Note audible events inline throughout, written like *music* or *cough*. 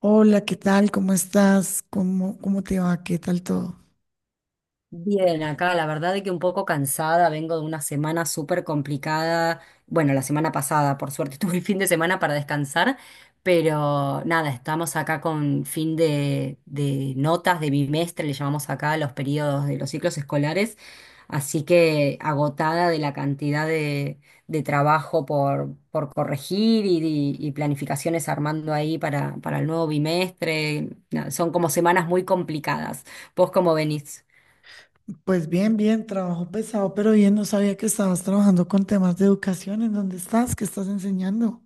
Hola, ¿qué tal? ¿Cómo estás? ¿Cómo te va? ¿Qué tal todo? Bien, acá la verdad de que un poco cansada, vengo de una semana súper complicada. Bueno, la semana pasada, por suerte, *laughs* tuve el fin de semana para descansar, pero nada, estamos acá con fin de notas de bimestre, le llamamos acá a los periodos de los ciclos escolares, así que agotada de la cantidad de trabajo por corregir y, y planificaciones armando ahí para el nuevo bimestre. Nada, son como semanas muy complicadas. ¿Vos cómo venís? Pues bien, bien, trabajo pesado, pero bien, no sabía que estabas trabajando con temas de educación. ¿En dónde estás? ¿Qué estás enseñando?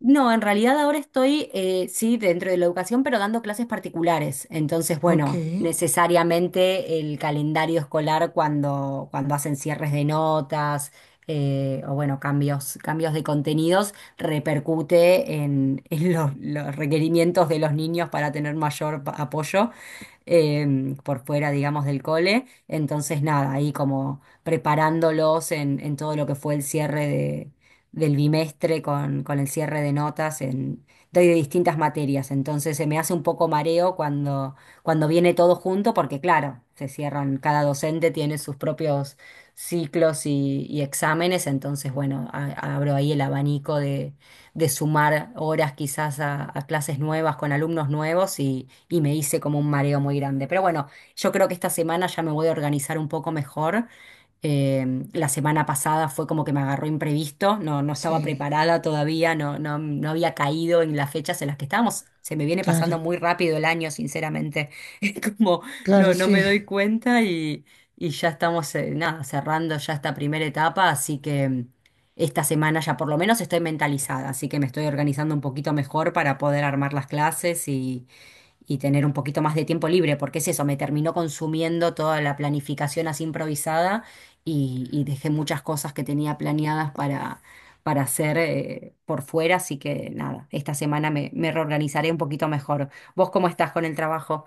No, en realidad ahora estoy, sí, dentro de la educación, pero dando clases particulares. Entonces, Ok, bueno, necesariamente el calendario escolar cuando hacen cierres de notas o, bueno, cambios, cambios de contenidos, repercute en, *laughs* en los requerimientos de los niños para tener mayor apoyo por fuera, digamos, del cole. Entonces, nada, ahí como preparándolos en todo lo que fue el cierre del bimestre con el cierre de notas en, doy de distintas materias. Entonces se me hace un poco mareo cuando viene todo junto, porque claro, se cierran, cada docente tiene sus propios ciclos y exámenes, entonces bueno, abro ahí el abanico de sumar horas quizás a clases nuevas con alumnos nuevos y me hice como un mareo muy grande. Pero bueno, yo creo que esta semana ya me voy a organizar un poco mejor eh, la semana pasada fue como que me agarró imprevisto, no, no estaba sí, preparada todavía, no, no, no había caído en las fechas en las que estábamos. Se me viene pasando claro, muy rápido el año, sinceramente. *laughs* Es como, claro, no, no me sí. doy cuenta y ya estamos, nada, cerrando ya esta primera etapa, así que esta semana ya por lo menos estoy mentalizada, así que me estoy organizando un poquito mejor para poder armar las clases y tener un poquito más de tiempo libre, porque es eso, me terminó consumiendo toda la planificación así improvisada y dejé muchas cosas que tenía planeadas para hacer por fuera, así que nada, esta semana me, me reorganizaré un poquito mejor. ¿Vos cómo estás con el trabajo?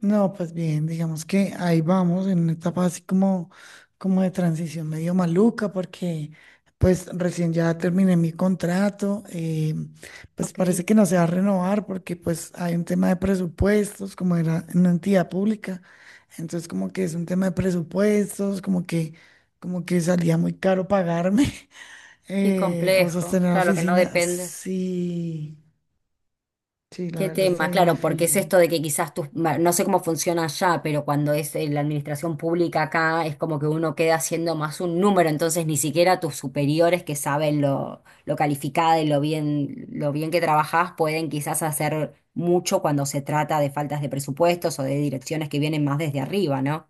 No, pues bien, digamos que ahí vamos en una etapa así como de transición medio maluca, porque pues recién ya terminé mi contrato, pues Ok, parece que no se va a renovar porque pues hay un tema de presupuestos, como era en una entidad pública, entonces como que es un tema de presupuestos, como que salía muy caro pagarme *laughs* qué o complejo, sostener la claro que no oficina, depende. sí, sí, la ¿Qué verdad está tema? bien Claro, porque es difícil. esto de que quizás tus, no sé cómo funciona allá, pero cuando es la administración pública acá es como que uno queda siendo más un número, entonces ni siquiera tus superiores que saben lo calificada y lo bien que trabajás pueden quizás hacer mucho cuando se trata de faltas de presupuestos o de direcciones que vienen más desde arriba, ¿no?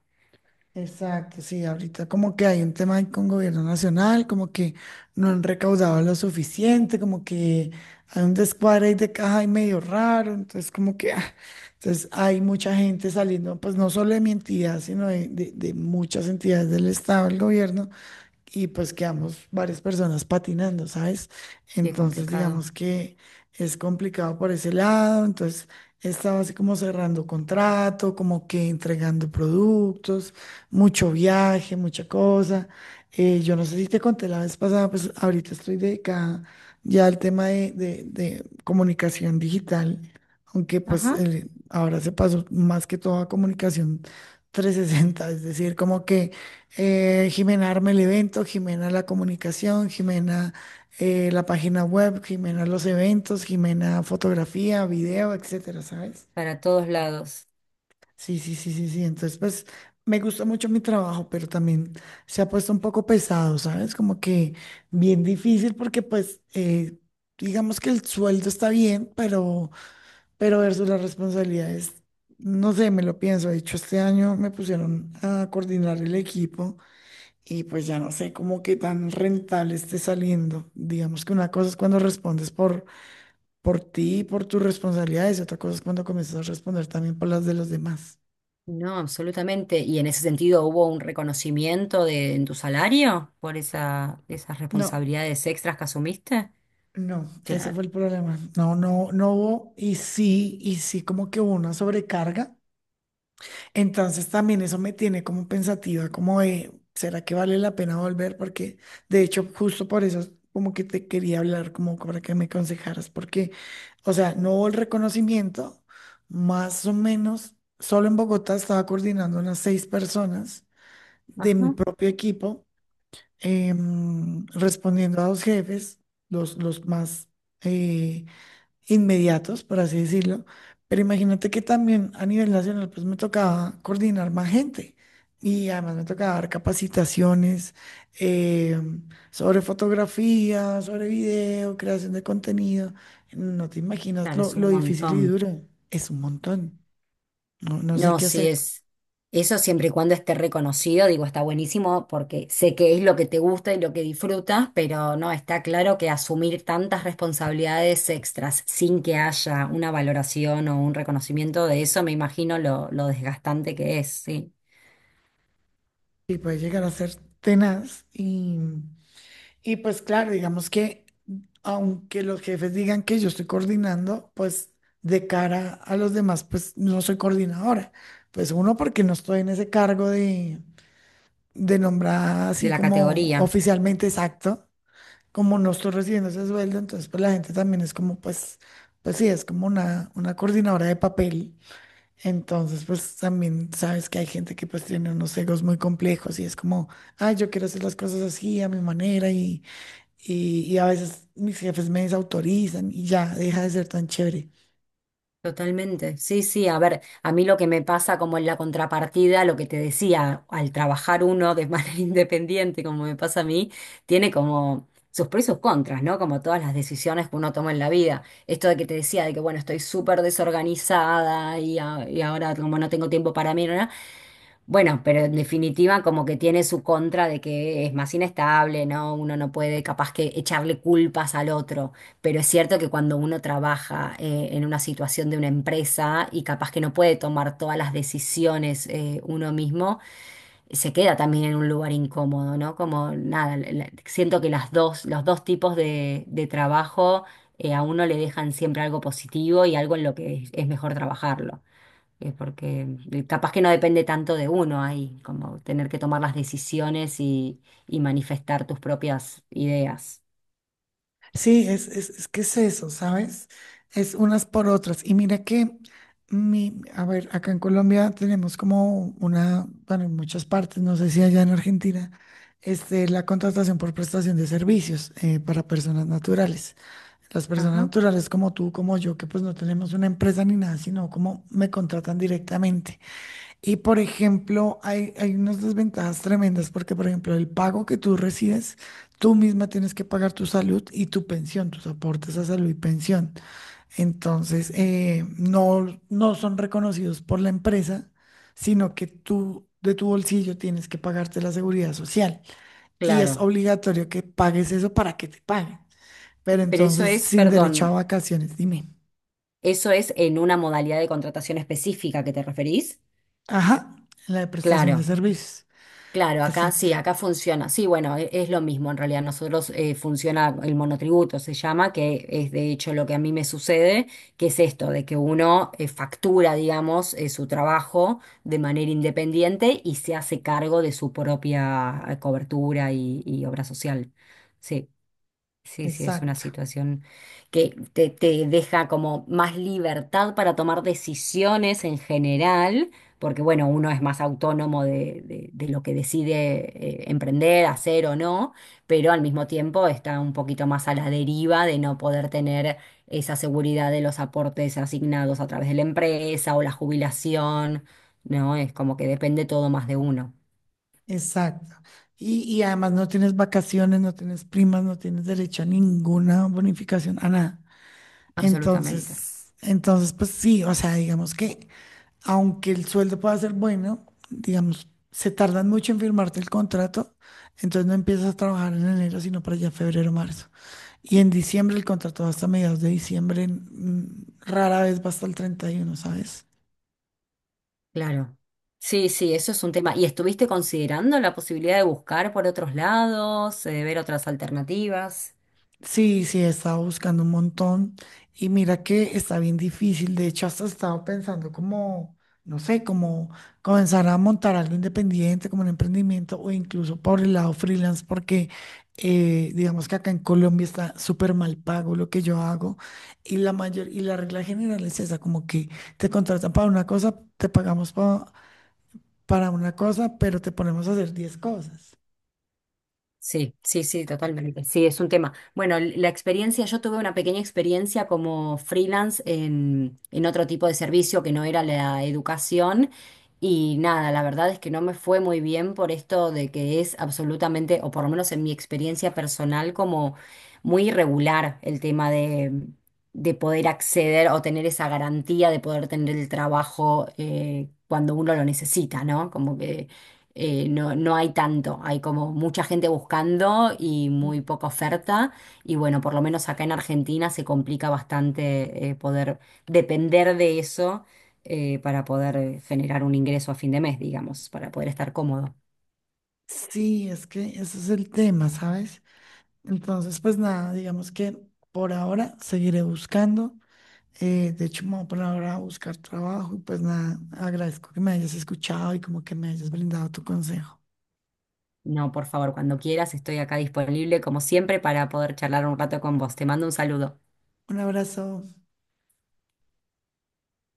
Exacto, sí, ahorita como que hay un tema ahí con gobierno nacional, como que no han recaudado lo suficiente, como que hay un descuadre ahí de caja y medio raro, entonces como que, ah, entonces hay mucha gente saliendo, pues no solo de mi entidad, sino de muchas entidades del Estado, del gobierno, y pues quedamos varias personas patinando, ¿sabes? Qué Entonces complicado. digamos que es complicado por ese lado, entonces estaba así como cerrando contrato, como que entregando productos, mucho viaje, mucha cosa. Yo no sé si te conté la vez pasada, pues ahorita estoy dedicada ya al tema de, de comunicación digital, aunque pues Ajá. Ahora se pasó más que todo a comunicación 360, es decir, como que Jimena arma el evento, Jimena la comunicación, Jimena la página web, Jimena los eventos, Jimena fotografía, video, etcétera, ¿sabes? Para todos lados. Sí, sí, sí, sí, sí. Entonces, pues me gusta mucho mi trabajo, pero también se ha puesto un poco pesado, ¿sabes? Como que bien difícil porque pues, digamos que el sueldo está bien, pero versus las responsabilidades, no sé, me lo pienso. De hecho, este año me pusieron a coordinar el equipo y pues ya no sé cómo qué tan rentable esté saliendo. Digamos que una cosa es cuando respondes por ti, y por tus responsabilidades, y otra cosa es cuando comienzas a responder también por las de los demás. No, absolutamente. ¿Y en ese sentido hubo un reconocimiento de, en tu salario por esa, esas No, responsabilidades extras que asumiste? no, ese Claro. fue el problema. No, no, no hubo, y sí, como que hubo una sobrecarga. Entonces también eso me tiene como pensativa, como de, ¿será que vale la pena volver? Porque de hecho justo por eso como que te quería hablar, como para que me aconsejaras, porque, o sea, no hubo el reconocimiento, más o menos, solo en Bogotá estaba coordinando unas seis personas de mi Ajá. propio equipo, respondiendo a dos jefes, los más, eh, inmediatos, por así decirlo, pero imagínate que también a nivel nacional pues me tocaba coordinar más gente y además me tocaba dar capacitaciones eh, sobre fotografía, sobre video, creación de contenido. No te imaginas Claro, lo, es lo un difícil y montón. duro, es un montón, no, no sé No, qué sí hacer es. Eso siempre y cuando esté reconocido, digo, está buenísimo porque sé que es lo que te gusta y lo que disfrutas, pero no, está claro que asumir tantas responsabilidades extras sin que haya una valoración o un reconocimiento de eso, me imagino lo desgastante que es, sí, y puede llegar a ser tenaz. Y pues claro, digamos que aunque los jefes digan que yo estoy coordinando, pues de cara a los demás, pues no soy coordinadora. Pues uno, porque no estoy en ese cargo de nombrar de así la como categoría. oficialmente exacto, como no estoy recibiendo ese sueldo, entonces pues la gente también es como, pues, pues sí, es como una coordinadora de papel. Entonces pues también sabes que hay gente que pues tiene unos egos muy complejos y es como, ay, yo quiero hacer las cosas así, a mi manera y a veces mis jefes me desautorizan y ya deja de ser tan chévere. Totalmente. Sí, sí, a ver, a mí lo que me pasa como en la contrapartida, lo que te decía, al trabajar uno de manera *laughs* independiente, como me pasa a mí, tiene como sus pros y sus contras, ¿no? Como todas las decisiones que uno toma en la vida. Esto de que te decía, de que bueno, estoy súper desorganizada y, y ahora como no tengo tiempo para mí, ¿no? no, bueno, pero en definitiva como que tiene su contra de que es más inestable, ¿no? Uno no puede capaz que echarle culpas al otro, pero es cierto que cuando uno trabaja en una situación de una empresa y capaz que no puede tomar todas las decisiones uno mismo, se queda también en un lugar incómodo, ¿no? Como nada, siento que las dos, los dos tipos de trabajo a uno le dejan siempre algo positivo y algo en lo que es mejor trabajarlo porque capaz que no depende tanto de uno ahí, como tener que tomar las decisiones y manifestar tus propias ideas. Sí, es que es eso, ¿sabes? Es unas por otras. Y mira que, mi, a ver, acá en Colombia tenemos como una, bueno, en muchas partes, no sé si allá en Argentina, la contratación por prestación de servicios para personas naturales. Las personas Ajá, naturales como tú, como yo, que pues no tenemos una empresa ni nada, sino como me contratan directamente. Y por ejemplo, hay unas desventajas tremendas porque, por ejemplo, el pago que tú recibes, tú misma tienes que pagar tu salud y tu pensión, tus aportes a salud y pensión. Entonces, no, no son reconocidos por la empresa, sino que tú de tu bolsillo tienes que pagarte la seguridad social. Y es claro. obligatorio que pagues eso para que te paguen. Pero Pero eso entonces, es, sin derecho a perdón, vacaciones, dime. eso es en una modalidad de contratación específica que te referís. Ajá, la de prestación de Claro. servicios. Claro, acá Exacto, sí, acá funciona. Sí, bueno, es, lo mismo en realidad. Nosotros funciona el monotributo, se llama, que es de hecho lo que a mí me sucede, que es esto, de que uno factura, digamos, su trabajo de manera independiente y se hace cargo de su propia cobertura y obra social. Sí. Sí, sí, es una exacto. situación que te deja como más libertad para tomar decisiones en general, porque bueno, uno es más autónomo de, de lo que decide emprender, hacer o no, pero al mismo tiempo está un poquito más a la deriva de no poder tener esa seguridad de los aportes asignados a través de la empresa o la jubilación, ¿no? Es como que depende todo más de uno, Exacto. Y además no tienes vacaciones, no tienes primas, no tienes derecho a ninguna bonificación, a nada. absolutamente. Entonces, entonces, pues sí, o sea, digamos que aunque el sueldo pueda ser bueno, digamos, se tardan mucho en firmarte el contrato, entonces no empiezas a trabajar en enero, sino para allá febrero, marzo. Y en diciembre el contrato va hasta mediados de diciembre, rara vez va hasta el 31, ¿sabes? Claro. Sí, sí, eso es un tema. ¿Y estuviste considerando la posibilidad de buscar por otros lados, ver otras alternativas? Sí, sí, he estado buscando un montón y mira que está bien difícil. De hecho, hasta he estado pensando como, no sé, como comenzar a montar algo independiente, como un emprendimiento o incluso por el lado freelance, porque digamos que acá en Colombia está súper mal pago lo que yo hago y la mayor y la regla general es esa, como que te contratan para una cosa, te pagamos para una cosa, pero te ponemos a hacer 10 cosas. Sí, sí, sí, totalmente. Sí, es un tema. Bueno, la experiencia, yo tuve una pequeña experiencia como freelance en otro tipo de servicio que no era la educación y nada, la verdad es que no me fue muy bien por esto de que es absolutamente, o por lo menos en mi experiencia personal, como muy irregular el tema de poder acceder o tener esa garantía de poder tener el trabajo cuando uno lo necesita, ¿no? Como que no, no hay tanto, hay como mucha gente buscando y muy poca oferta. Y bueno, por lo menos acá en Argentina se complica bastante poder depender de eso para poder generar un ingreso a fin de mes, digamos, para poder estar cómodo. Sí, es que ese es el tema, ¿sabes? Entonces, pues nada, digamos que por ahora seguiré buscando. De hecho, me voy a poner ahora a buscar trabajo y pues nada, agradezco que me hayas escuchado y como que me hayas brindado tu consejo. No, por favor, cuando quieras, estoy acá disponible como siempre para poder charlar un rato con vos. Te mando un saludo. Un abrazo.